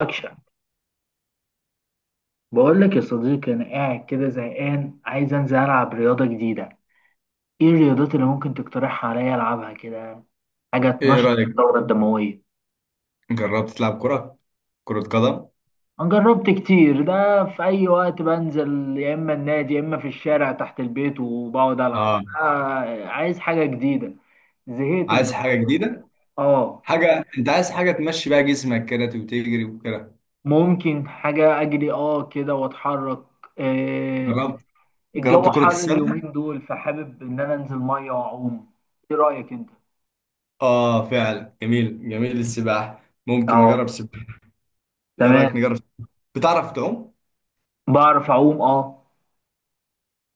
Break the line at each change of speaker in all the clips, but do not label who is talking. أكشن. بقول لك يا صديقي أنا قاعد كده زهقان، عايز أنزل ألعب رياضة جديدة. إيه الرياضات اللي ممكن تقترحها عليا ألعبها كده؟ حاجة
ايه
تنشط
رأيك؟
الدورة الدموية.
جربت تلعب كرة؟ كرة قدم؟
أنا جربت كتير ده، في أي وقت بنزل، يا إما النادي يا إما في الشارع تحت البيت وبقعد ألعب.
اه.
عايز حاجة جديدة. زهقت من
عايز حاجة
الكورة.
جديدة.
آه.
انت عايز حاجة تمشي بقى جسمك كده وتجري وكده.
ممكن حاجة أجري كده وأتحرك. آه.
جربت جربت
الجو
كرة
حر
السلة؟
اليومين دول، فحابب إن أنا أنزل مية وأعوم. إيه رأيك أنت؟
اه فعلا، جميل جميل. السباحة ممكن نجرب سباحة. ايه
تمام.
رأيك نجرب؟ بتعرف تعوم؟
بعرف اعوم، اه.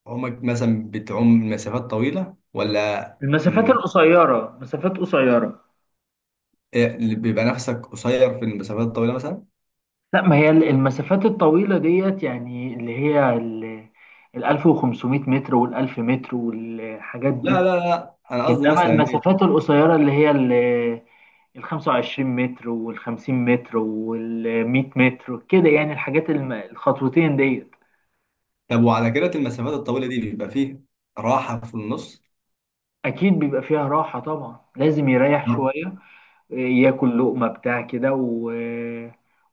عمرك مثلا بتعوم مسافات طويلة ولا؟
المسافات
مم.
القصيره، مسافات قصيره.
إيه اللي بيبقى نفسك قصير في المسافات الطويلة مثلا؟
لا، ما هي المسافات الطويله ديت يعني اللي هي ال 1500 متر وال 1000 متر والحاجات
لا
دي.
لا لا، انا قصدي
انما
مثلا ايه.
المسافات القصيره اللي هي ال 25 متر وال 50 متر وال 100 متر كده، يعني الحاجات الخطوتين ديت.
طب وعلى كده المسافات الطويلة دي بيبقى فيه راحة في النص؟
اكيد بيبقى فيها راحه طبعا، لازم يريح شويه، ياكل لقمه بتاع كده و...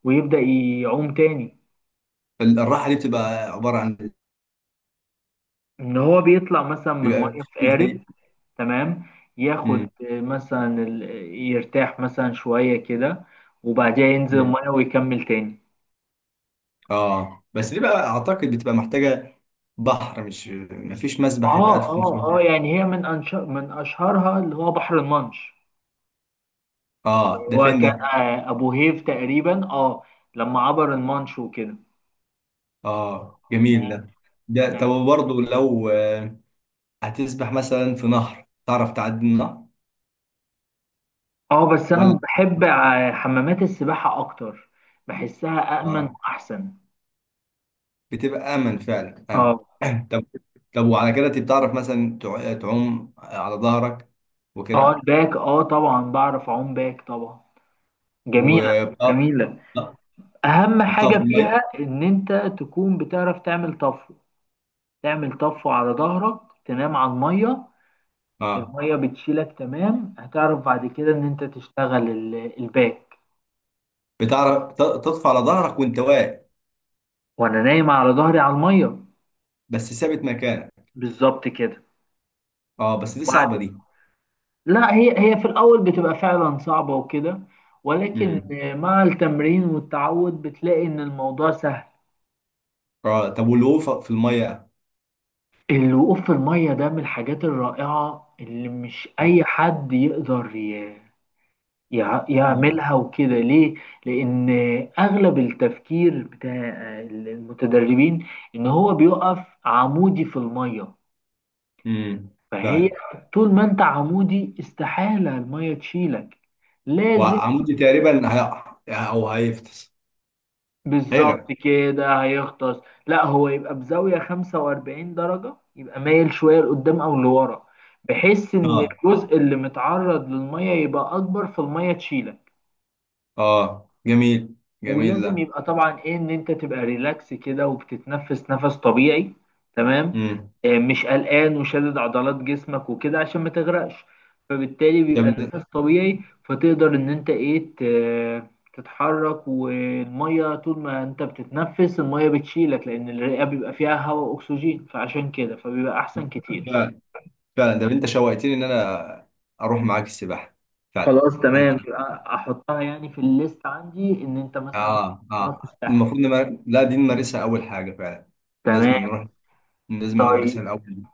ويبدا يعوم تاني.
الراحه دي بتبقى عباره عن،
ان هو بيطلع مثلا من
بيبقى
الميه في
في
قارب.
زي.
تمام. ياخد
مم.
مثلا يرتاح مثلا شويه كده وبعدها ينزل
مم.
الميه ويكمل تاني.
اه بس دي بقى اعتقد بتبقى محتاجه بحر، مش مفيش مسبح يبقى
اه اه اه،
1500.
يعني هي من اشهرها اللي هو بحر المانش. اللي
اه ده
هو
فين
كان،
ده؟
ابو هيف تقريبا، اه، لما عبر المانش وكده.
اه جميل ده. ده طب
مم.
برضه لو هتسبح مثلا في نهر، تعرف تعدي النهر
اه بس
ولا؟
انا بحب حمامات السباحه اكتر. بحسها امن
اه
واحسن.
بتبقى امن، فعلا امن.
اه
طب، طب وعلى كده انت بتعرف مثلا تعوم على ظهرك
اه
وكده؟
الباك، اه طبعا بعرف اعوم باك طبعا.
و
جميلة.
اه.
جميلة.
آه.
أهم
وبتقف في
حاجة فيها
الميه؟
إن أنت تكون بتعرف تعمل طفو. تعمل طفو على ظهرك، تنام على المية،
اه
المية بتشيلك. تمام. هتعرف بعد كده إن أنت تشتغل الباك،
بتعرف تطفى على ظهرك وانت واقف
وأنا نايم على ظهري على المية.
بس ثابت مكانك؟
بالظبط كده.
اه بس دي
وبعد،
صعبه دي.
لا هي في الأول بتبقى فعلا صعبة وكده، ولكن
امم
مع التمرين والتعود بتلاقي إن الموضوع سهل.
اه طب، والوقوف في الميه؟
الوقوف في المية ده من الحاجات الرائعة اللي مش أي حد يقدر
امم
يعملها وكده. ليه؟ لأن أغلب التفكير بتاع المتدربين إن هو بيقف عمودي في المية.
امم
فهي،
فعلا.
طول ما أنت عمودي، استحالة المية تشيلك. لازم.
وعمودي تقريبا هي. او هيفطس.
بالظبط
هيغرق.
كده، هيغطس. لا، هو يبقى بزاوية 45 درجة، يبقى مايل شوية لقدام أو لورا، بحيث إن
اه
الجزء اللي متعرض للمية يبقى أكبر فالمية تشيلك.
اه جميل، جميل
ولازم
ده.
يبقى طبعا ايه، ان انت تبقى ريلاكس كده وبتتنفس نفس طبيعي. تمام.
امم
مش قلقان وشادد عضلات جسمك وكده عشان ما تغرقش، فبالتالي
يا
بيبقى
ابني،
النفس طبيعي. فتقدر ان انت ايه، تتحرك والميه، طول ما انت بتتنفس الميه بتشيلك لان الرئه بيبقى فيها هواء اكسجين، فعشان كده فبيبقى احسن كتير.
فعلا فعلا. ده انت شوقتني ان انا اروح معاك السباحه فعلا.
خلاص
انا
تمام، يبقى احطها يعني في الليست عندي ان انت مثلا
اه
تروح
اه
الساحل.
المفروض لا، دي نمارسها اول حاجه فعلا. لازم
تمام.
نروح، لازم
طيب.
نمارسها الاول.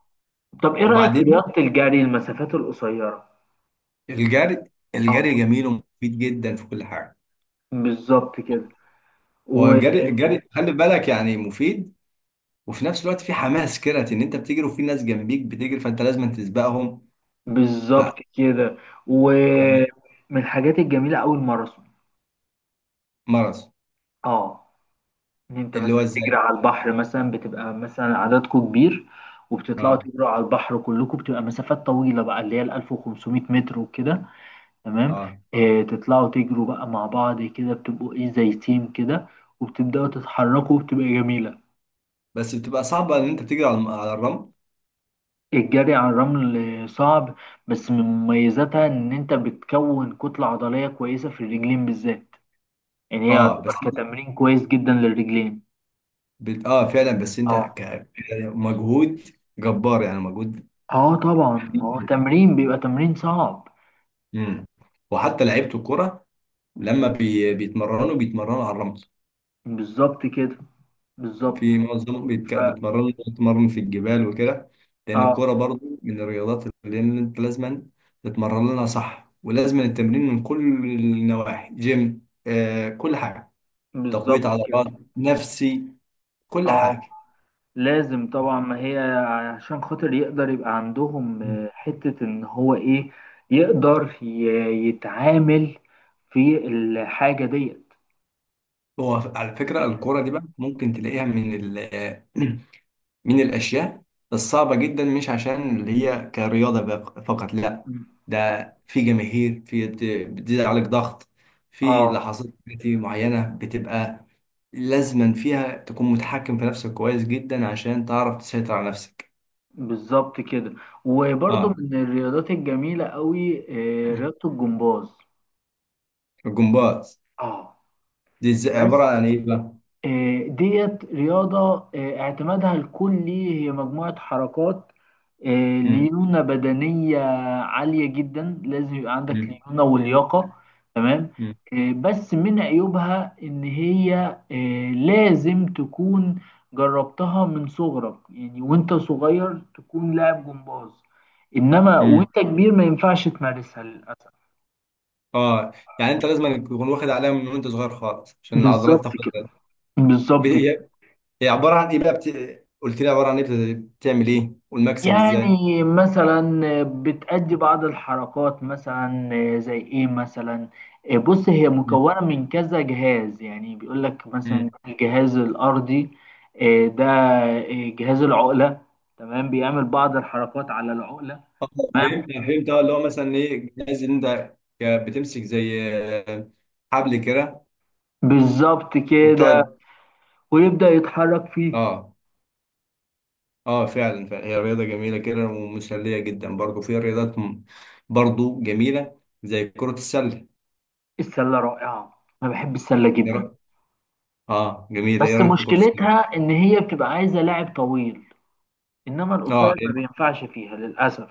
طب ايه رأيك في
وبعدين
رياضة الجري، المسافات القصيرة؟
الجري الجري
اه،
جميل ومفيد جدا في كل حاجه.
بالظبط كده.
هو الجري خلي بالك يعني مفيد، وفي نفس الوقت في حماس كده ان انت بتجري وفي ناس جنبيك بتجري فانت لازم تسبقهم.
وبالظبط كده.
فحماس
ومن الحاجات الجميلة أوي الماراثون.
مرض.
اه، ان انت
اللي هو
مثلا تجري
ازاي؟
على البحر مثلا، بتبقى مثلا عددكم كبير وبتطلعوا
اه
تجروا على البحر كلكم، بتبقى مسافات طويلة بقى اللي هي ال 1500 متر وكده. تمام.
اه
آه، تطلعوا تجروا بقى مع بعض كده، بتبقوا ايه زي تيم كده، وبتبدأوا تتحركوا وبتبقى جميلة.
بس بتبقى صعبه ان انت بتجري على على الرمل.
الجري على الرمل صعب، بس من مميزاتها ان انت بتكون كتلة عضلية كويسة في الرجلين بالذات. يعني هي
اه
يعتبر
بس انت
كتمرين كويس جدا للرجلين.
اه فعلا، بس انت
اه.
مجهود جبار، يعني مجهود.
اه طبعا، هو تمرين، بيبقى تمرين صعب.
امم وحتى لعيبه الكره لما بيتمرنوا على الرمل،
بالظبط كده. بالظبط.
في معظمهم
ف،
بيتمرنوا في الجبال وكده. لأن
اه،
الكورة برضو من الرياضات اللي أنت لازما تتمرن لها، صح؟ ولازما التمرين من كل النواحي، جيم كل حاجة، تقوية
بالظبط كده.
عضلات، نفسي، كل
اه
حاجة.
لازم طبعا، ما هي عشان خاطر يقدر يبقى عندهم
مم.
حتة ان هو ايه، يقدر يتعامل في الحاجة ديت.
هو على فكرة الكورة دي بقى ممكن تلاقيها من ال من الأشياء الصعبة جدا، مش عشان اللي هي كرياضة فقط، لا. ده في جماهير، في بتزيد عليك ضغط في
اه
لحظات كتير معينة، بتبقى لازما فيها تكون متحكم في نفسك كويس جدا عشان تعرف تسيطر على نفسك.
بالظبط كده. وبرضه
اه.
من الرياضات الجميلة قوي رياضة الجمباز.
الجمباز؟
اه
دي عبارة
بس،
عن ايه بقى؟
ديت رياضة، اعتمادها الكلي هي مجموعة حركات،
مم.
ليونة بدنية عالية جدا. لازم يبقى عندك
مم.
ليونة ولياقة. تمام.
مم.
بس من عيوبها إن هي، لازم تكون جربتها من صغرك، يعني وانت صغير تكون لاعب جمباز. إنما
مم.
وانت كبير ما ينفعش تمارسها للأسف.
اه، يعني انت لازم تكون واخد عليها من وانت صغير خالص عشان العضلات
بالظبط
تاخد
كده. بالظبط كده.
بالها. هي عباره عن ايه بقى قلت لي عباره عن ايه بتعمل ايه والمكسب ازاي؟
يعني مثلا بتأدي بعض الحركات مثلا، زي ايه مثلا؟ بص، هي
مم.
مكونة من كذا جهاز، يعني بيقول لك مثلا
مم.
الجهاز الأرضي، ده، جهاز العقلة. تمام، بيعمل بعض الحركات على العقلة.
اه
تمام.
فهمت اه، اللي هو مثلا ايه الجهاز اللي انت بتمسك، زي آه، حبل كده
بالظبط كده،
وبتقعد.
ويبدأ يتحرك فيه.
اه اه فعلا فعلا. هي رياضه جميله كده ومسليه جدا. برضه في رياضات برضه جميله زي كره السله.
السلة رائعة، أنا بحب السلة
إيه
جدا.
رأ- اه جميله. ايه
بس
رايك في كره السله؟
مشكلتها إن هي بتبقى عايزة لاعب طويل، إنما القصير
اه.
ما بينفعش فيها للأسف.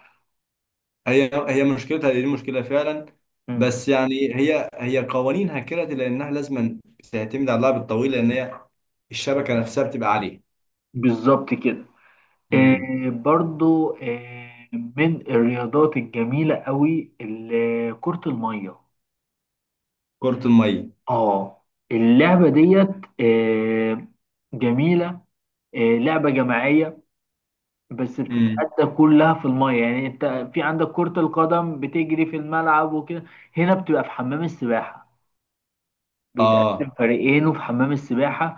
هي مشكلتها دي مشكلة فعلا. بس يعني هي قوانينها كده لأنها لازما تعتمد على اللعب الطويل، لأن هي الشبكة نفسها بتبقى عالية.
بالظبط كده.
امم
آه برضو، آه من الرياضات الجميلة قوي كرة المية.
كرة المية.
اه. اللعبة ديت، آه، جميلة، آه لعبة جماعية. بس
امم
بتتأدى كلها في المية. يعني انت في عندك كرة القدم بتجري في الملعب وكده، هنا بتبقى في حمام السباحة. بيتقسم
اه
فريقين، وفي حمام السباحة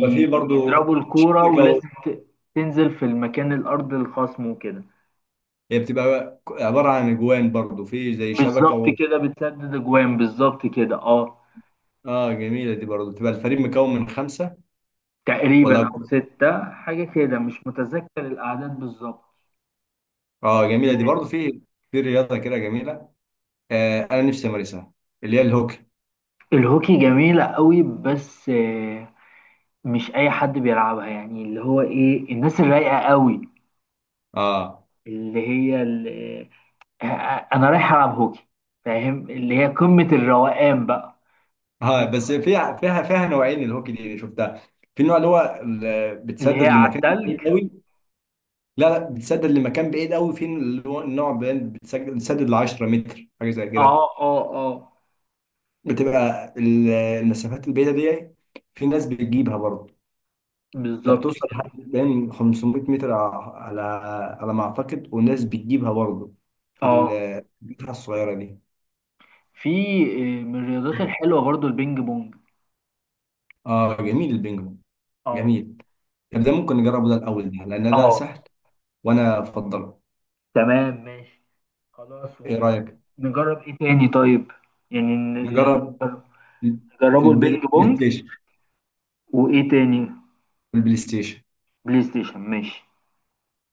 ففي برضو
الكورة
شبكة و.
ولازم تنزل في المكان الأرض الخصم وكده.
هي بتبقى عبارة عن أجوان برضو، في زي شبكة
بالظبط
و.
كده، بتسدد اجوان، بالظبط كده اه.
اه جميلة دي برضو. بتبقى الفريق مكون من خمسة ولا
تقريبا او
أكتر؟
ستة، حاجة كده، مش متذكر الاعداد بالظبط.
اه جميلة دي برضو.
آه،
في رياضة كده جميلة، آه أنا نفسي أمارسها، اللي هي الهوكي.
الهوكي جميلة قوي، بس مش اي حد بيلعبها، يعني اللي هو ايه، الناس الرايقة قوي،
اه
اللي هي اللي، انا رايح العب هوكي. فاهم؟ اللي هي قمة الروقان بقى.
اه بس فيها فيها نوعين. الهوكي دي اللي شفتها، في النوع اللي هو
اللي
بتسدد
هي على
لمكان
التلج.
بعيد قوي. لا لا، بتسدد لمكان بعيد قوي، في اللي هو النوع بتسدد ل 10 متر حاجه زي
اه
كده.
اه اه،
بتبقى المسافات البعيده دي، في ناس بتجيبها برضه. انت
بالظبط
بتوصل
كده.
لحد بين 500 متر على ما اعتقد، والناس بتجيبها برضه في
اه.
البتاعه الصغيره دي.
في من الرياضات الحلوة برضو البينج بونج.
اه جميل البينج بونج.
اه.
جميل. طب ده ممكن نجربه ده الاول، ده لان ده
اه
سهل وانا افضله.
تمام ماشي. خلاص،
ايه رايك
ونجرب ايه تاني طيب؟ يعني
نجرب؟
نجربوا
البلاي
البينج بونج.
ستيشن.
وايه تاني؟
البلاي ستيشن.
بلاي ستيشن، ماشي.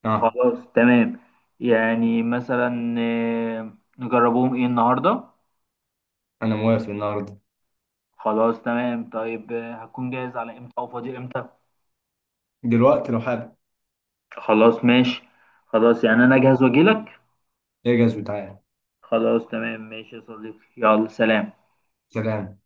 اه.
خلاص تمام. يعني مثلا، نجربوهم ايه النهارده؟
انا موافق النهارده،
خلاص تمام. طيب، هتكون جاهز على امتى، او فاضي امتى؟
دلوقتي لو حابب.
خلاص ماشي. خلاص، يعني انا جاهز واجيلك.
اجهز وتعالى.
خلاص تمام، ماشي يا صديقي، يلا سلام.
سلام.